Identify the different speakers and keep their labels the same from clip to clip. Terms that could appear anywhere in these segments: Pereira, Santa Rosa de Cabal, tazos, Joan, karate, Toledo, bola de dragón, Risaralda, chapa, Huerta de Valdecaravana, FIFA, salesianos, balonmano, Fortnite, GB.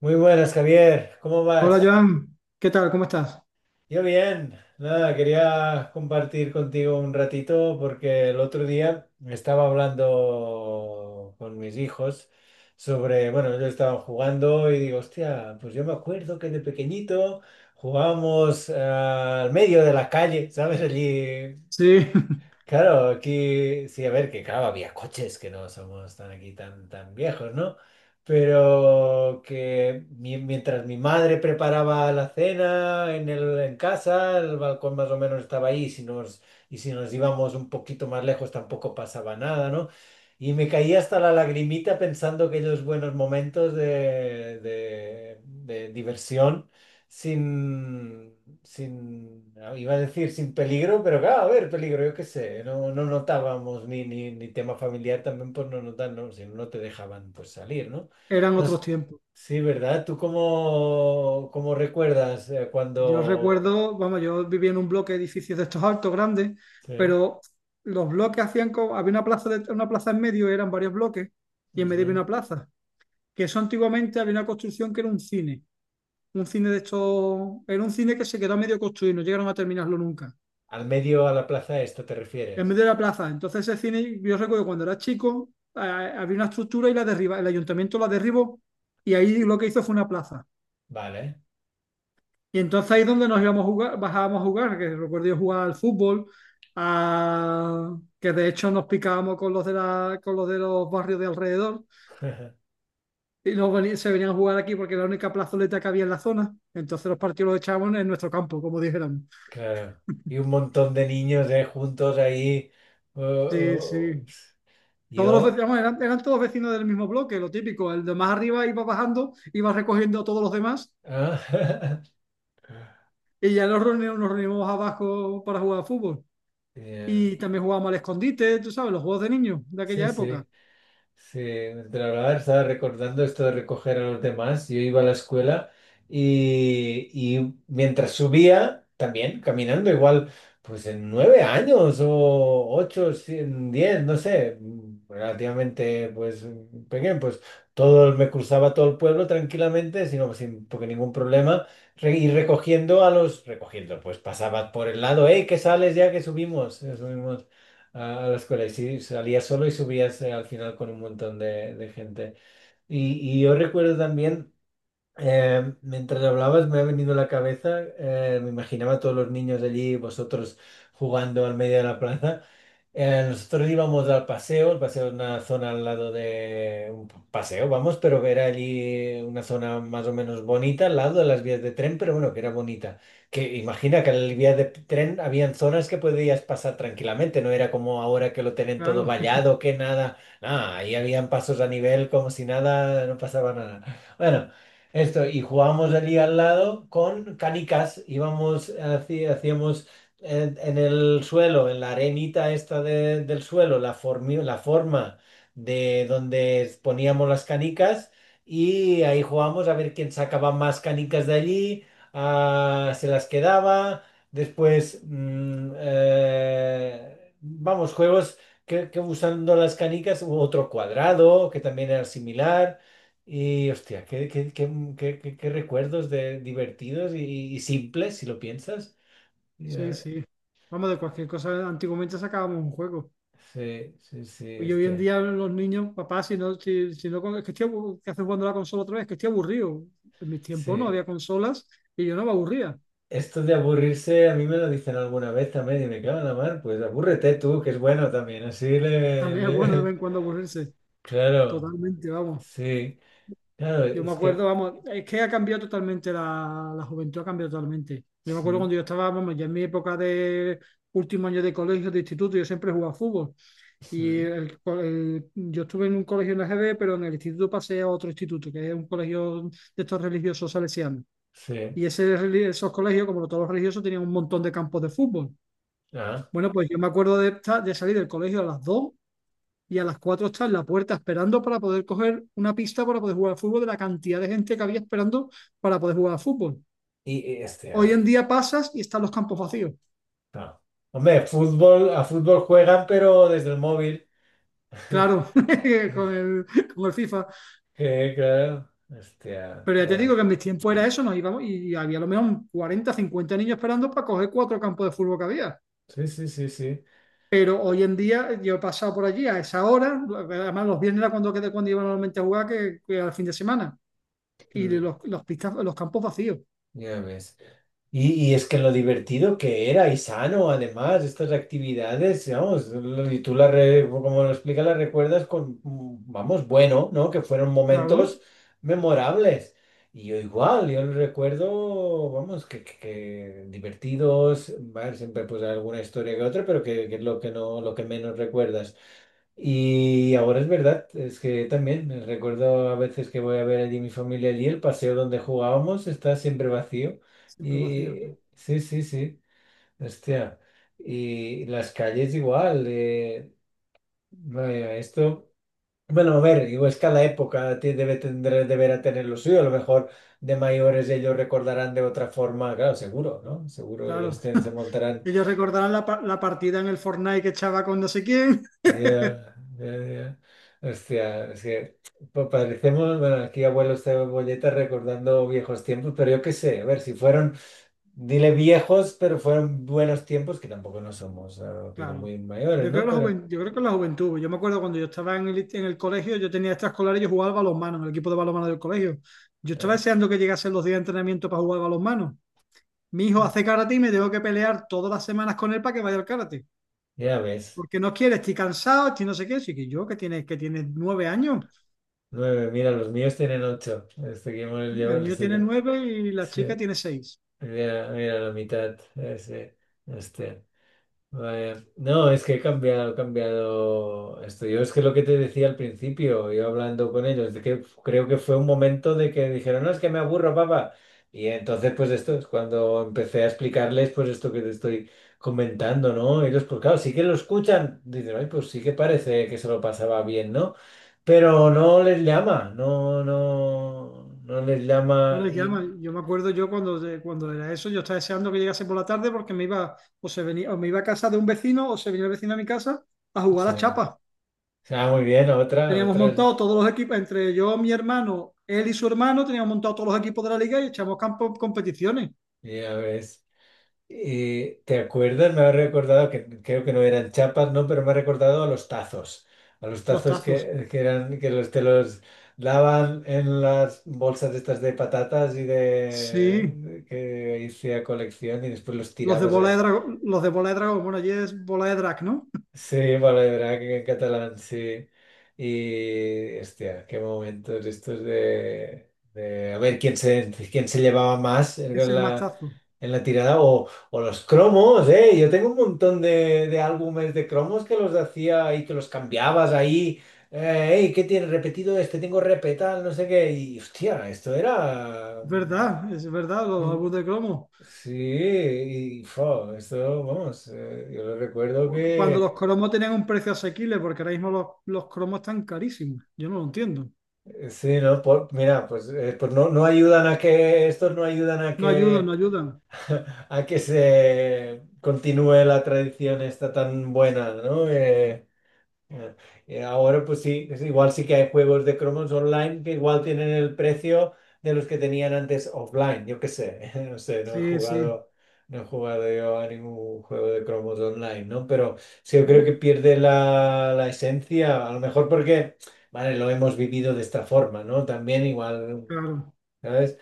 Speaker 1: Muy buenas, Javier. ¿Cómo
Speaker 2: Hola
Speaker 1: vas?
Speaker 2: Joan, ¿qué tal? ¿Cómo estás?
Speaker 1: Yo bien. Nada, quería compartir contigo un ratito porque el otro día estaba hablando con mis hijos sobre, bueno, ellos estaban jugando y digo, hostia, pues yo me acuerdo que de pequeñito jugábamos al medio de la calle, ¿sabes? Allí.
Speaker 2: Sí,
Speaker 1: Claro, aquí sí, a ver, que claro, había coches, que no somos tan aquí tan viejos, ¿no? Pero que mientras mi madre preparaba la cena en casa, el balcón más o menos estaba ahí, y si nos íbamos un poquito más lejos tampoco pasaba nada, ¿no? Y me caía hasta la lagrimita pensando aquellos buenos momentos de diversión sin, sin, ah, iba a decir sin peligro, pero claro, a ver, peligro, yo qué sé, no notábamos ni tema familiar también, pues no notan, no, si no no te dejaban pues salir, ¿no?
Speaker 2: eran
Speaker 1: No
Speaker 2: otros
Speaker 1: s-
Speaker 2: tiempos.
Speaker 1: sí, ¿verdad? ¿Tú cómo recuerdas
Speaker 2: Yo
Speaker 1: cuando...
Speaker 2: recuerdo, vamos, yo vivía en un bloque de edificios de estos altos, grandes,
Speaker 1: Sí.
Speaker 2: pero los bloques hacían como, había una plaza, una plaza en medio, eran varios bloques, y en medio había
Speaker 1: Ujú.
Speaker 2: una plaza, que eso antiguamente había una construcción que era un cine de estos, era un cine que se quedó a medio construir, no llegaron a terminarlo nunca,
Speaker 1: Al medio, a la plaza esta te
Speaker 2: en
Speaker 1: refieres.
Speaker 2: medio de la plaza. Entonces ese cine, yo recuerdo cuando era chico, había una estructura y el ayuntamiento la derribó, y ahí lo que hizo fue una plaza.
Speaker 1: Vale.
Speaker 2: Y entonces ahí es donde nos íbamos a jugar, bajábamos a jugar, que recuerdo yo jugar al fútbol, que de hecho nos picábamos con los de la, con los de los barrios de alrededor, y se venían a jugar aquí porque era la única plazoleta que había en la zona. Entonces los partidos los echábamos en nuestro campo, como dijeran.
Speaker 1: Claro. Y un montón de niños juntos ahí. Oh,
Speaker 2: Sí,
Speaker 1: oh, oh,
Speaker 2: sí. Todos los
Speaker 1: yo...
Speaker 2: vecinos eran todos vecinos del mismo bloque, lo típico. El de más arriba iba bajando, iba recogiendo a todos los demás,
Speaker 1: ah.
Speaker 2: y ya nos reuníamos abajo para jugar al fútbol.
Speaker 1: Ya,
Speaker 2: Y también jugábamos al escondite, tú sabes, los juegos de niños de
Speaker 1: sí,
Speaker 2: aquella época.
Speaker 1: sí, sí. Entre hablar estaba recordando esto de recoger a los demás. Yo iba a la escuela y, y mientras subía, también caminando, igual, pues en 9 años o 8, sí, en 10, no sé, relativamente pues pequeño, pues todo, me cruzaba todo el pueblo tranquilamente, sino sin porque ningún problema, y recogiendo a los, pues pasaba por el lado, hey, que sales ya que subimos, subimos. A la escuela y sí, salías solo y subías al final con un montón de gente. Y yo recuerdo también, mientras hablabas me ha venido a la cabeza, me imaginaba a todos los niños allí, vosotros jugando al medio de la plaza. Nosotros íbamos al paseo, el paseo es una zona al lado de un paseo, vamos, pero que era allí una zona más o menos bonita, al lado de las vías de tren, pero bueno, que era bonita. Que imagina que en las vías de tren habían zonas que podías pasar tranquilamente, no era como ahora que lo tienen todo
Speaker 2: Claro.
Speaker 1: vallado, que nada, nada, ahí habían pasos a nivel como si nada, no pasaba nada. Bueno. Esto, y jugábamos allí al lado con canicas, íbamos, hacíamos en el suelo, en la arenita esta del suelo, la forma de donde poníamos las canicas y ahí jugábamos a ver quién sacaba más canicas de allí, se las quedaba, después, vamos, juegos que usando las canicas, hubo otro cuadrado que también era similar. Y hostia, qué recuerdos de divertidos y simples, si lo piensas.
Speaker 2: Sí, sí. Vamos, de cualquier cosa, antiguamente sacábamos un juego.
Speaker 1: Sí, sí, sí,
Speaker 2: Y hoy en
Speaker 1: hostia.
Speaker 2: día los niños, papá, si no, si, si no, con- es que estoy aburrido, ¿qué haces jugando a la consola otra vez? Que estoy aburrido. En mis
Speaker 1: Sí.
Speaker 2: tiempos no había consolas y yo no me aburría.
Speaker 1: Esto de aburrirse, a mí me lo dicen alguna vez también y me cago en la mar, pues abúrrete tú, que es bueno también, así le...
Speaker 2: También es bueno de vez
Speaker 1: le-
Speaker 2: en cuando aburrirse.
Speaker 1: Claro,
Speaker 2: Totalmente, vamos.
Speaker 1: sí, claro,
Speaker 2: Yo me
Speaker 1: es
Speaker 2: acuerdo,
Speaker 1: que...
Speaker 2: vamos, es que ha cambiado totalmente la juventud, ha cambiado totalmente. Yo me acuerdo cuando yo estaba, vamos, ya en mi época de último año de colegio, de instituto, yo siempre jugaba fútbol. Y yo estuve en un colegio en la GB, pero en el instituto pasé a otro instituto, que es un colegio de estos religiosos salesianos.
Speaker 1: Sí,
Speaker 2: Y esos colegios, como todos los religiosos, tenían un montón de campos de fútbol.
Speaker 1: ah,
Speaker 2: Bueno, pues yo me acuerdo de salir del colegio a las 2 y a las 4 estar en la puerta esperando para poder coger una pista para poder jugar al fútbol, de la cantidad de gente que había esperando para poder jugar al fútbol.
Speaker 1: y este...
Speaker 2: Hoy en día pasas y están los campos vacíos.
Speaker 1: no. Hombre, fútbol, a fútbol juegan, pero desde el móvil.
Speaker 2: Claro, con el, con el FIFA.
Speaker 1: Que, claro, hostia,
Speaker 2: Pero ya te
Speaker 1: ya.
Speaker 2: digo que en mis tiempos era eso, nos íbamos y había a lo mejor un 40, 50 niños esperando para coger cuatro campos de fútbol que había.
Speaker 1: Sí, sí, sí, sí.
Speaker 2: Pero hoy en día yo he pasado por allí a esa hora, además los viernes era cuando iba normalmente a jugar, que era fin de semana, y
Speaker 1: Mm,
Speaker 2: los campos vacíos,
Speaker 1: ya ves. Y es que lo divertido que era y sano, además, estas actividades, vamos, y tú como lo explicas, las recuerdas con, vamos, bueno, ¿no? Que fueron
Speaker 2: claro,
Speaker 1: momentos memorables. Y yo igual, yo lo recuerdo, vamos, que divertidos, va, siempre pues alguna historia que otra, pero que es lo que no, lo que menos recuerdas. Y ahora es verdad, es que también recuerdo a veces que voy a ver allí mi familia allí, el paseo donde jugábamos está siempre vacío.
Speaker 2: siempre vacíos.
Speaker 1: Y sí, sí, sí, hostia. Y las calles igual. Vaya, esto, bueno, a ver, igual es cada época debe tener, deberá tener lo suyo. A lo mejor de mayores ellos recordarán de otra forma, claro, seguro, ¿no? Seguro ellos
Speaker 2: Claro,
Speaker 1: se montarán.
Speaker 2: ellos recordarán la partida en el Fortnite que echaba con no sé quién.
Speaker 1: Ya, ya, ya. Hostia, es que parecemos, bueno, aquí abuelo cebolleta recordando viejos tiempos, pero yo qué sé, a ver, si fueron, dile viejos, pero fueron buenos tiempos, que tampoco no somos que no
Speaker 2: Claro.
Speaker 1: muy mayores,
Speaker 2: Yo creo,
Speaker 1: ¿no?
Speaker 2: que la
Speaker 1: Pero
Speaker 2: juven- yo creo que la juventud. Yo me acuerdo cuando yo estaba en el colegio, yo tenía extraescolar y yo jugaba al balonmano en el equipo de balonmano del colegio. Yo estaba
Speaker 1: ah,
Speaker 2: deseando que llegasen los días de entrenamiento para jugar al balonmano. Mi hijo hace karate y me tengo que pelear todas las semanas con él para que vaya al karate.
Speaker 1: ya ves,
Speaker 2: Porque no quiere, estoy cansado, estoy no sé qué. Así que yo, que tiene 9 años,
Speaker 1: 9, mira, los míos tienen 8, este que hemos llevado,
Speaker 2: el mío tiene
Speaker 1: este,
Speaker 2: nueve y la
Speaker 1: sí,
Speaker 2: chica tiene seis.
Speaker 1: mira, mira la mitad, ese, hostia. No, es que he cambiado esto. Yo es que lo que te decía al principio, yo hablando con ellos, de que creo que fue un momento de que dijeron, no, es que me aburro, papá. Y entonces, pues esto es cuando empecé a explicarles, pues esto que te estoy comentando, ¿no? Ellos, pues claro, sí que lo escuchan. Dicen, ay, pues sí que parece que se lo pasaba bien, ¿no? Pero no les llama, no, no, no les
Speaker 2: No
Speaker 1: llama
Speaker 2: les llama.
Speaker 1: y...
Speaker 2: Yo me acuerdo yo cuando, cuando era eso, yo estaba deseando que llegase por la tarde porque me iba, o se venía, o me iba a casa de un vecino, o se venía el vecino a mi casa a jugar
Speaker 1: Sí.
Speaker 2: a chapa.
Speaker 1: Ah, muy bien, otra,
Speaker 2: Teníamos
Speaker 1: otra,
Speaker 2: montado todos los equipos, entre yo, mi hermano, él y su hermano, teníamos montado todos los equipos de la liga y echamos campo competiciones,
Speaker 1: ya ves. ¿Te acuerdas? Me ha recordado, que creo que no eran chapas, ¿no? Pero me ha recordado a los tazos. A los
Speaker 2: los
Speaker 1: tazos
Speaker 2: tazos.
Speaker 1: que eran, que los, te los daban en las bolsas estas de patatas y
Speaker 2: Sí,
Speaker 1: de, que hacía colección y después los
Speaker 2: los de
Speaker 1: tirabas
Speaker 2: bola
Speaker 1: ahí.
Speaker 2: de dragón, los de bola de dragón, bueno, allí es bola de drag, ¿no?
Speaker 1: Sí, Drag en catalán, sí. Y, hostia, qué momentos estos de a ver quién se llevaba más
Speaker 2: Ese
Speaker 1: en
Speaker 2: es más
Speaker 1: la,
Speaker 2: tazo.
Speaker 1: en la tirada o los cromos, ¿eh? Yo tengo un montón de álbumes de cromos que los hacía y que los cambiabas ahí. "Ey, ¿qué tienes repetido este? Tengo repetal, no sé qué. Y, hostia, esto era...
Speaker 2: Es verdad, los
Speaker 1: mm,
Speaker 2: álbumes de cromo.
Speaker 1: sí, y, fo, esto, vamos, yo lo recuerdo
Speaker 2: Cuando los
Speaker 1: que...
Speaker 2: cromos tenían un precio asequible, porque ahora mismo los cromos están carísimos. Yo no lo entiendo.
Speaker 1: Sí, no, mira, pues, pues no ayudan a que, estos no ayudan a
Speaker 2: No ayudan,
Speaker 1: que,
Speaker 2: no ayudan.
Speaker 1: a que se continúe la tradición esta tan buena, ¿no? Ah, Y ahora pues sí, es igual sí que hay juegos de cromos online que igual tienen el precio de los que tenían antes offline, yo qué sé, no sé, no he
Speaker 2: Sí, sí.
Speaker 1: jugado, no he jugado yo a ningún juego de cromos online, ¿no? Pero sí, yo creo que pierde la esencia, a lo mejor porque, vale, lo hemos vivido de esta forma, ¿no? También igual,
Speaker 2: Claro.
Speaker 1: ¿sabes?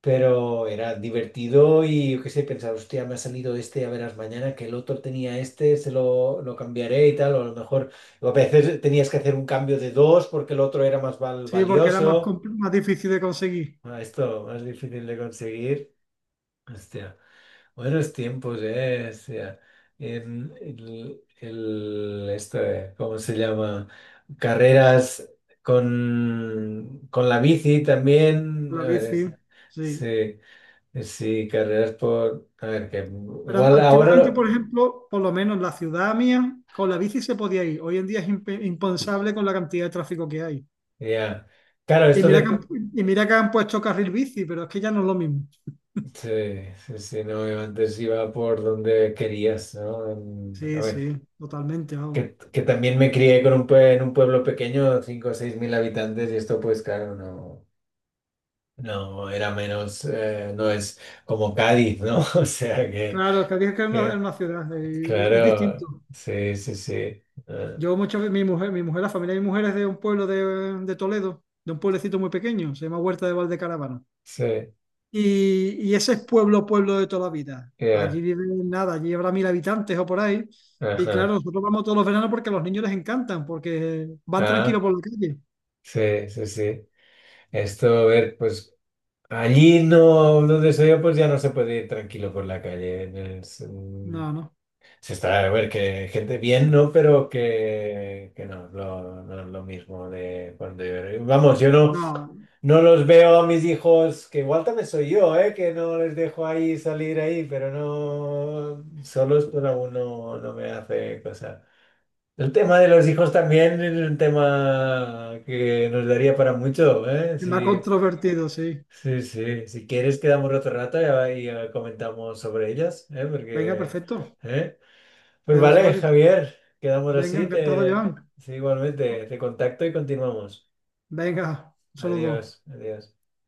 Speaker 1: Pero era divertido y yo qué sé, pensar, hostia, me ha salido este, ya verás mañana que el otro tenía este, se lo cambiaré y tal, o a veces tenías que hacer un cambio de dos porque el otro era más val-
Speaker 2: Sí, porque era más,
Speaker 1: valioso.
Speaker 2: más difícil de conseguir
Speaker 1: Ah, esto más difícil de conseguir. Hostia, buenos tiempos, eh. Hostia. ¿Cómo se llama? Carreras con la bici también.
Speaker 2: la
Speaker 1: A ver,
Speaker 2: bici.
Speaker 1: sí.
Speaker 2: Sí.
Speaker 1: Sí, carreras por... A ver, que
Speaker 2: Pero
Speaker 1: igual ahora
Speaker 2: antiguamente,
Speaker 1: lo...
Speaker 2: por ejemplo, por lo menos en la ciudad mía, con la bici se podía ir. Hoy en día es impensable con la cantidad de tráfico que hay.
Speaker 1: Ya. Claro,
Speaker 2: Y
Speaker 1: esto
Speaker 2: mira que
Speaker 1: de...
Speaker 2: han puesto carril bici, pero es que ya no es lo mismo.
Speaker 1: Sí, sí, sí, no, yo antes iba por donde querías, ¿no? A
Speaker 2: Sí, sí,
Speaker 1: ver,
Speaker 2: totalmente, vamos.
Speaker 1: que también me crié en un pueblo pequeño, 5.000 o 6.000 habitantes, y esto pues claro, no, no era menos, no es como Cádiz, ¿no? O sea que,
Speaker 2: Claro, es que dije que era
Speaker 1: que
Speaker 2: una ciudad, es
Speaker 1: claro,
Speaker 2: distinto.
Speaker 1: sí, sí, sí, ah,
Speaker 2: Yo muchas veces, la familia de mi mujer es de un pueblo de Toledo, de un pueblecito muy pequeño, se llama Huerta de Valdecaravana.
Speaker 1: sí,
Speaker 2: Y ese es pueblo, pueblo de toda la vida.
Speaker 1: ya,
Speaker 2: Allí viven nada, allí habrá 1.000 habitantes o por ahí. Y
Speaker 1: ajá,
Speaker 2: claro, nosotros vamos todos los veranos porque a los niños les encantan, porque van tranquilos
Speaker 1: ah,
Speaker 2: por la calle.
Speaker 1: sí, sí, sí. Esto, a ver, pues allí no, donde soy yo, pues ya no se puede ir tranquilo por la calle. Se
Speaker 2: No, no,
Speaker 1: se está, a ver, que gente bien, ¿no? Pero que no, no es lo mismo de cuando yo... Vamos, yo no,
Speaker 2: no,
Speaker 1: no los veo a mis hijos, que igual también soy yo, ¿eh? Que no les dejo ahí salir ahí, pero no, solos pues aún no, no me hace cosa. El tema de los hijos también es un tema que nos daría para mucho, ¿eh?
Speaker 2: es más
Speaker 1: Sí.
Speaker 2: controvertido, sí.
Speaker 1: Sí, sí, si quieres quedamos otro rato y comentamos sobre ellas, ¿eh?
Speaker 2: Venga,
Speaker 1: Porque,
Speaker 2: perfecto.
Speaker 1: ¿eh? Pues
Speaker 2: Quedamos otro
Speaker 1: vale,
Speaker 2: ratito.
Speaker 1: Javier, quedamos
Speaker 2: Venga,
Speaker 1: así,
Speaker 2: encantado,
Speaker 1: te,
Speaker 2: Joan.
Speaker 1: sí, igualmente, te contacto y continuamos.
Speaker 2: Venga, un
Speaker 1: Adiós,
Speaker 2: saludo.
Speaker 1: adiós.